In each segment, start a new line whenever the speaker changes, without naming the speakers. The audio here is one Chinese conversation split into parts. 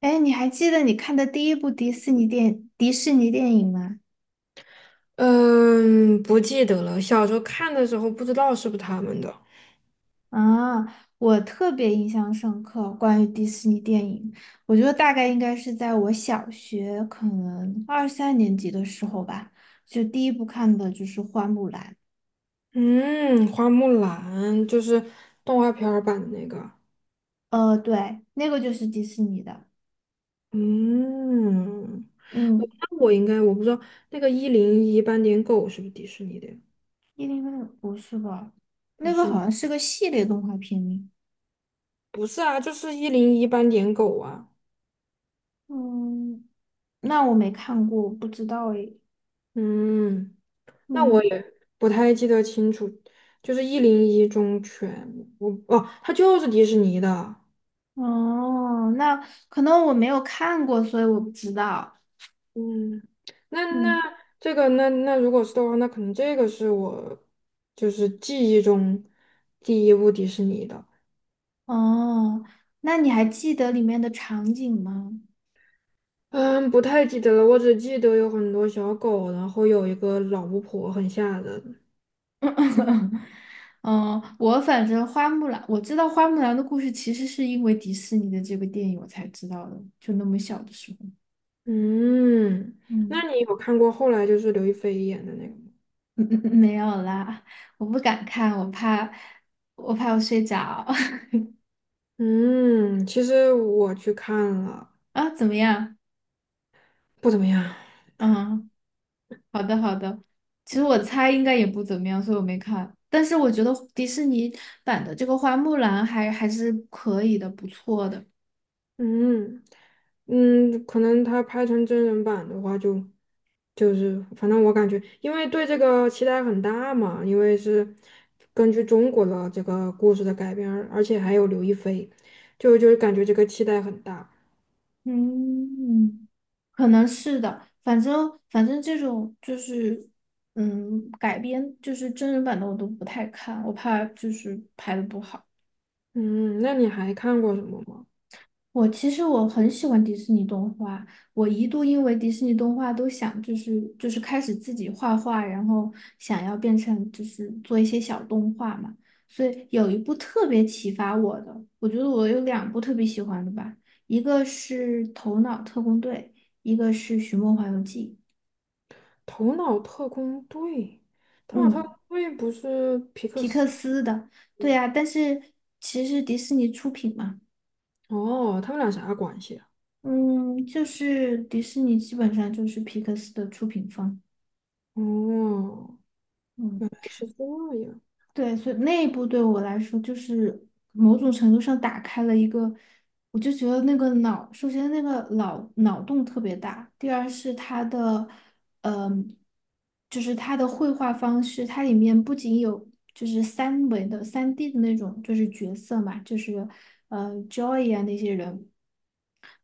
哎，你还记得你看的第一部迪士尼电影吗？
嗯，不记得了。小时候看的时候不知道是不是他们的。
啊，我特别印象深刻，关于迪士尼电影，我觉得大概应该是在我小学可能二三年级的时候吧，就第一部看的就是《花木兰》。
嗯，花木兰就是动画片儿版的那个。
对，那个就是迪士尼的。
嗯，我
嗯，
那我应该我不知道那个一零一斑点狗是不是迪士尼的呀？
108不是吧？
不
那个
是，
好像是个系列动画片呢。
不是啊，就是一零一斑点狗啊。
嗯，那我没看过，我不知道诶。
嗯，那我
嗯。
也不太记得清楚，就是一零一忠犬，它就是迪士尼的。
哦，那可能我没有看过，所以我不知道。
嗯，那那
嗯。
这个那那如果是的话，那可能这个是我就是记忆中第一部迪士尼的。
哦，那你还记得里面的场景吗？
嗯，不太记得了，我只记得有很多小狗，然后有一个老巫婆，很吓人。
嗯，我反正花木兰，我知道花木兰的故事其实是因为迪士尼的这个电影我才知道的，就那么小的时候。
嗯，那
嗯。
你有看过后来就是刘亦菲演的那个吗？
没有啦，我不敢看，我怕，我怕我睡着。
嗯，其实我去看了，
啊，怎么样？
不怎么样。
嗯。好的，好的。其实我猜应该也不怎么样，所以我没看。但是我觉得迪士尼版的这个花木兰还是可以的，不错的。
嗯可能他拍成真人版的话就是反正我感觉，因为对这个期待很大嘛，因为是根据中国的这个故事的改编，而且还有刘亦菲，就是感觉这个期待很大。
嗯，可能是的。反正这种就是，改编就是真人版的我都不太看，我怕就是拍的不好。
嗯，那你还看过什么吗？
其实我很喜欢迪士尼动画，我一度因为迪士尼动画都想就是开始自己画画，然后想要变成就是做一些小动画嘛，所以有一部特别启发我的，我觉得我有两部特别喜欢的吧，一个是《头脑特工队》，一个是《寻梦环游记》。
《头脑特工队》，《头脑特工
嗯，
队》不是皮克
皮克
斯？
斯的，对呀，但是其实迪士尼出品嘛。
哦，他们俩啥关系啊？
嗯，就是迪士尼基本上就是皮克斯的出品方。
哦，
嗯。
是这样。
对，所以那一步对我来说，就是某种程度上打开了一个，我就觉得那个脑，首先那个脑洞特别大，第二是它的，嗯、就是它的绘画方式，它里面不仅有就是三维的、3D 的那种，就是角色嘛，就是Joy 啊那些人，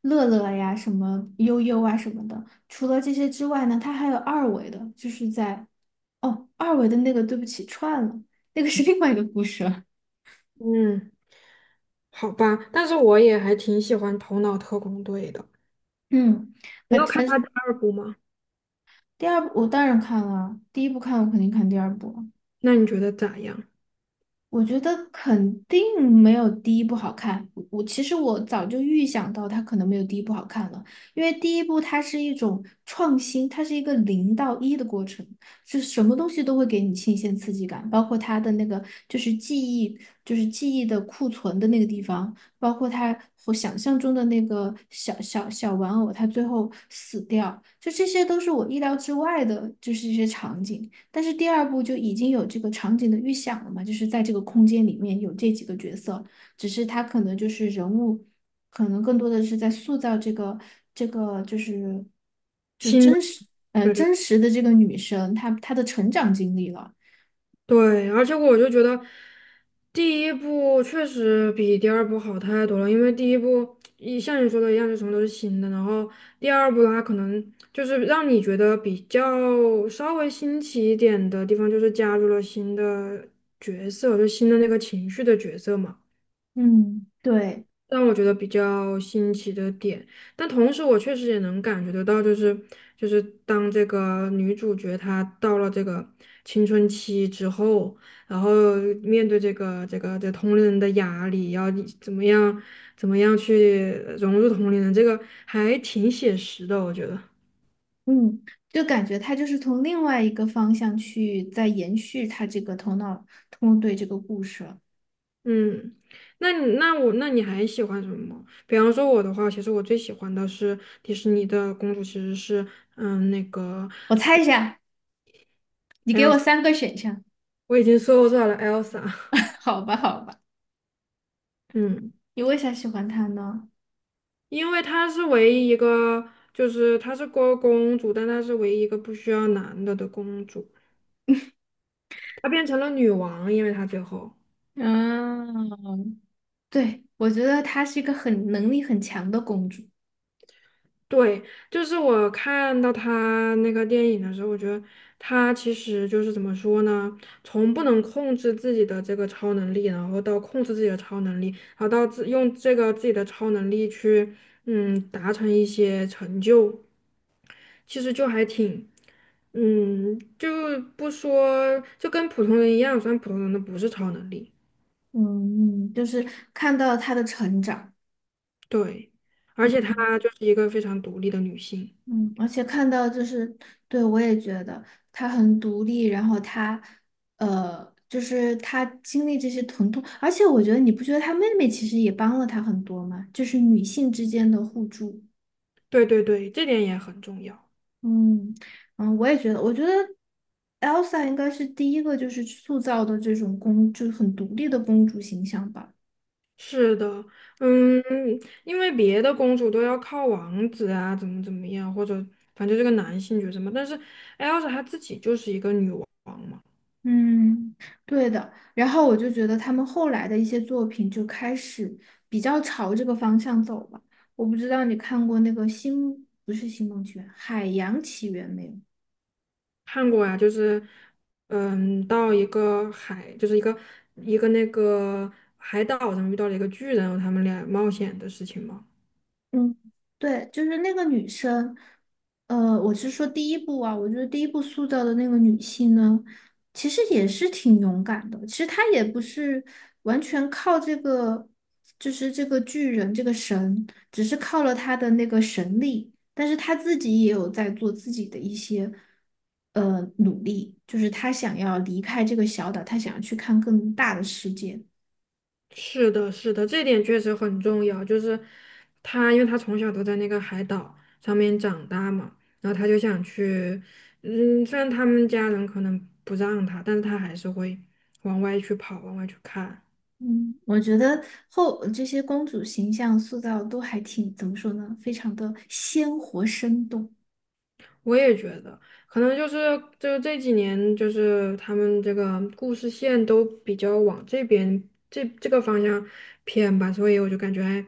乐乐呀、什么悠悠啊什么的。除了这些之外呢，它还有二维的，就是二维的那个，对不起，串了，那个是另外一个故事了。
嗯，好吧，但是我也还挺喜欢《头脑特工队》的。
嗯。
你
反
有看
反
他第
正
二部吗？
第二部我当然看了啊，第一部看我肯定看第二部啊。
那你觉得咋样？
我觉得肯定没有第一部好看。其实我早就预想到它可能没有第一部好看了，因为第一部它是一种创新，它是一个零到一的过程，是什么东西都会给你新鲜刺激感，包括它的那个就是记忆，就是记忆的库存的那个地方，包括它我想象中的那个小小小玩偶，它最后死掉，就这些都是我意料之外的，就是一些场景。但是第二部就已经有这个场景的预想了嘛，就是在这个空间里面有这几个角色，只是他可能就是人物，可能更多的是在塑造这个就是就
新的？
真实呃
对对
真实的这个女生她的成长经历了。
对，而且我就觉得第一部确实比第二部好太多了，因为第一部一像你说的一样，就什么都是新的，然后第二部它可能就是让你觉得比较稍微新奇一点的地方，就是加入了新的角色，就新的那个情绪的角色嘛。
嗯对，
让我觉得比较新奇的点，但同时我确实也能感觉得到，就是当这个女主角她到了这个青春期之后，然后面对这同龄人的压力，要你怎么样怎么样去融入同龄人，这个还挺写实的，我觉得。
嗯，就感觉她就是从另外一个方向去在延续她这个头脑通对这个故事了。
嗯，那你还喜欢什么？比方说我的话，其实我最喜欢的是迪士尼的公主，其实是那个。
我猜一下，你给我三个选项。
我已经搜到了 Elsa,
好吧，好吧，
嗯，
你为啥喜欢他呢？
因为她是唯一一个，就是她是个公主，但她是唯一一个不需要男的的公主，她变成了女王，因为她最后，
嗯，对，我觉得她是一个很能力很强的公主。
对，就是我看到她那个电影的时候，我觉得她其实就是怎么说呢，从不能控制自己的这个超能力，然后到控制自己的超能力，然后到自用这个自己的超能力去，达成一些成就。其实就还挺，就不说，就跟普通人一样，虽然普通人的不是超能力，
嗯，就是看到她的成长。
对，而且她就是一个非常独立的女性，
嗯，而且看到就是，对，我也觉得她很独立，然后她，就是她经历这些疼痛。而且我觉得你不觉得她妹妹其实也帮了她很多吗？就是女性之间的互助。
对对对，这点也很重要。
嗯嗯，我也觉得，我觉得 Elsa 应该是第一个就是塑造的这种公，就是很独立的公主形象吧。
是的，嗯，因为别的公主都要靠王子啊，怎么怎么样，或者反正这个男性角色嘛，但是艾 l s 她自己就是一个女王嘛。
嗯，对的。然后我就觉得他们后来的一些作品就开始比较朝这个方向走了。我不知道你看过那个星，不是《星梦奇缘》，《海洋奇缘》没有？
看过呀，就是，到一个海，就是一个一个那个海岛上遇到了一个巨人，他们俩冒险的事情嘛。
嗯，对，就是那个女生，我是说第一部啊，我觉得第一部塑造的那个女性呢，其实也是挺勇敢的。其实她也不是完全靠这个，就是这个巨人这个神，只是靠了她的那个神力，但是她自己也有在做自己的一些努力，就是她想要离开这个小岛，她想要去看更大的世界。
是的，是的，这点确实很重要。就是他，因为他从小都在那个海岛上面长大嘛，然后他就想去，虽然他们家人可能不让他，但是他还是会往外去跑，往外去看。
嗯，我觉得后这些公主形象塑造都还挺，怎么说呢，非常的鲜活生动。
我也觉得，可能就是就这几年，就是他们这个故事线都比较往这边这个方向偏吧，所以我就感觉还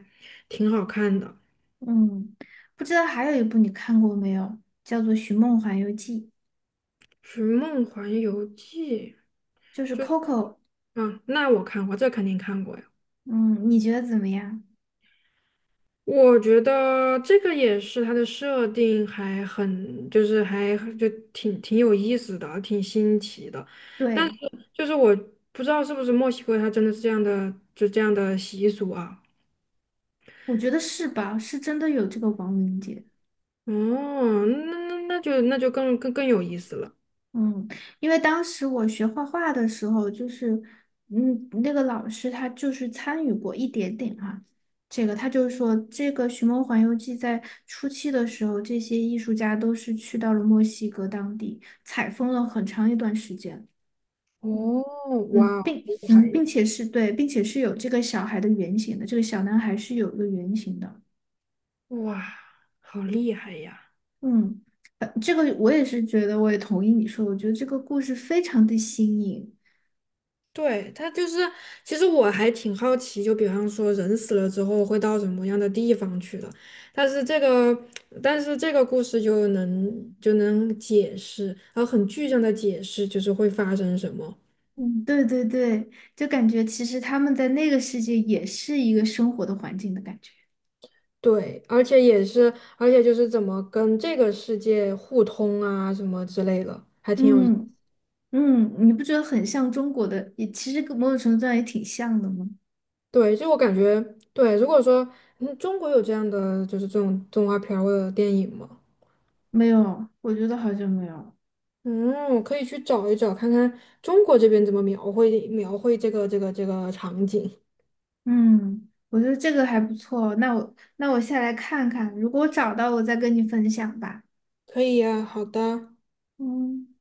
挺好看的，
嗯，不知道还有一部你看过没有，叫做《寻梦环游记》，
寻梦环游记》
就是
就。
Coco。
啊，那我看过，这肯定看过呀。
嗯，你觉得怎么样？
我觉得这个也是它的设定还很，就是还就挺有意思的，挺新奇的。但是
对，
就是我不知道是不是墨西哥它真的是这样的，就这样的习俗啊。
我觉得是吧，是真的有这个王灵杰。
哦，那就更有意思了。
嗯，因为当时我学画画的时候，就是，那个老师他就是参与过一点点哈、这个他就是说，这个《寻梦环游记》在初期的时候，这些艺术家都是去到了墨西哥当地，采风了很长一段时间。嗯
哦，
嗯，
哇，厉害呀！
并且是对，并且是有这个小孩的原型的，这个小男孩是有一个原型的。
哇，好厉害呀！
嗯，这个我也是觉得，我也同意你说，我觉得这个故事非常的新颖。
对，他就是，其实我还挺好奇，就比方说人死了之后会到什么样的地方去的，但是这个，但是这个故事就能解释，然后很具象的解释就是会发生什么。
嗯，对对对，就感觉其实他们在那个世界也是一个生活的环境的感觉。
对，而且也是，而且就是怎么跟这个世界互通啊，什么之类的，还挺有意。
嗯嗯，你不觉得很像中国的？也其实跟某种程度上也挺像的吗？
对，就我感觉，对，如果说，中国有这样的就是这种动画片儿或者电影吗？
没有，我觉得好像没有。
嗯，我可以去找一找，看看中国这边怎么描绘描绘这个场景。
嗯，我觉得这个还不错。那我下来看看，如果我找到，我再跟你分享吧。
可以呀，好的。
嗯。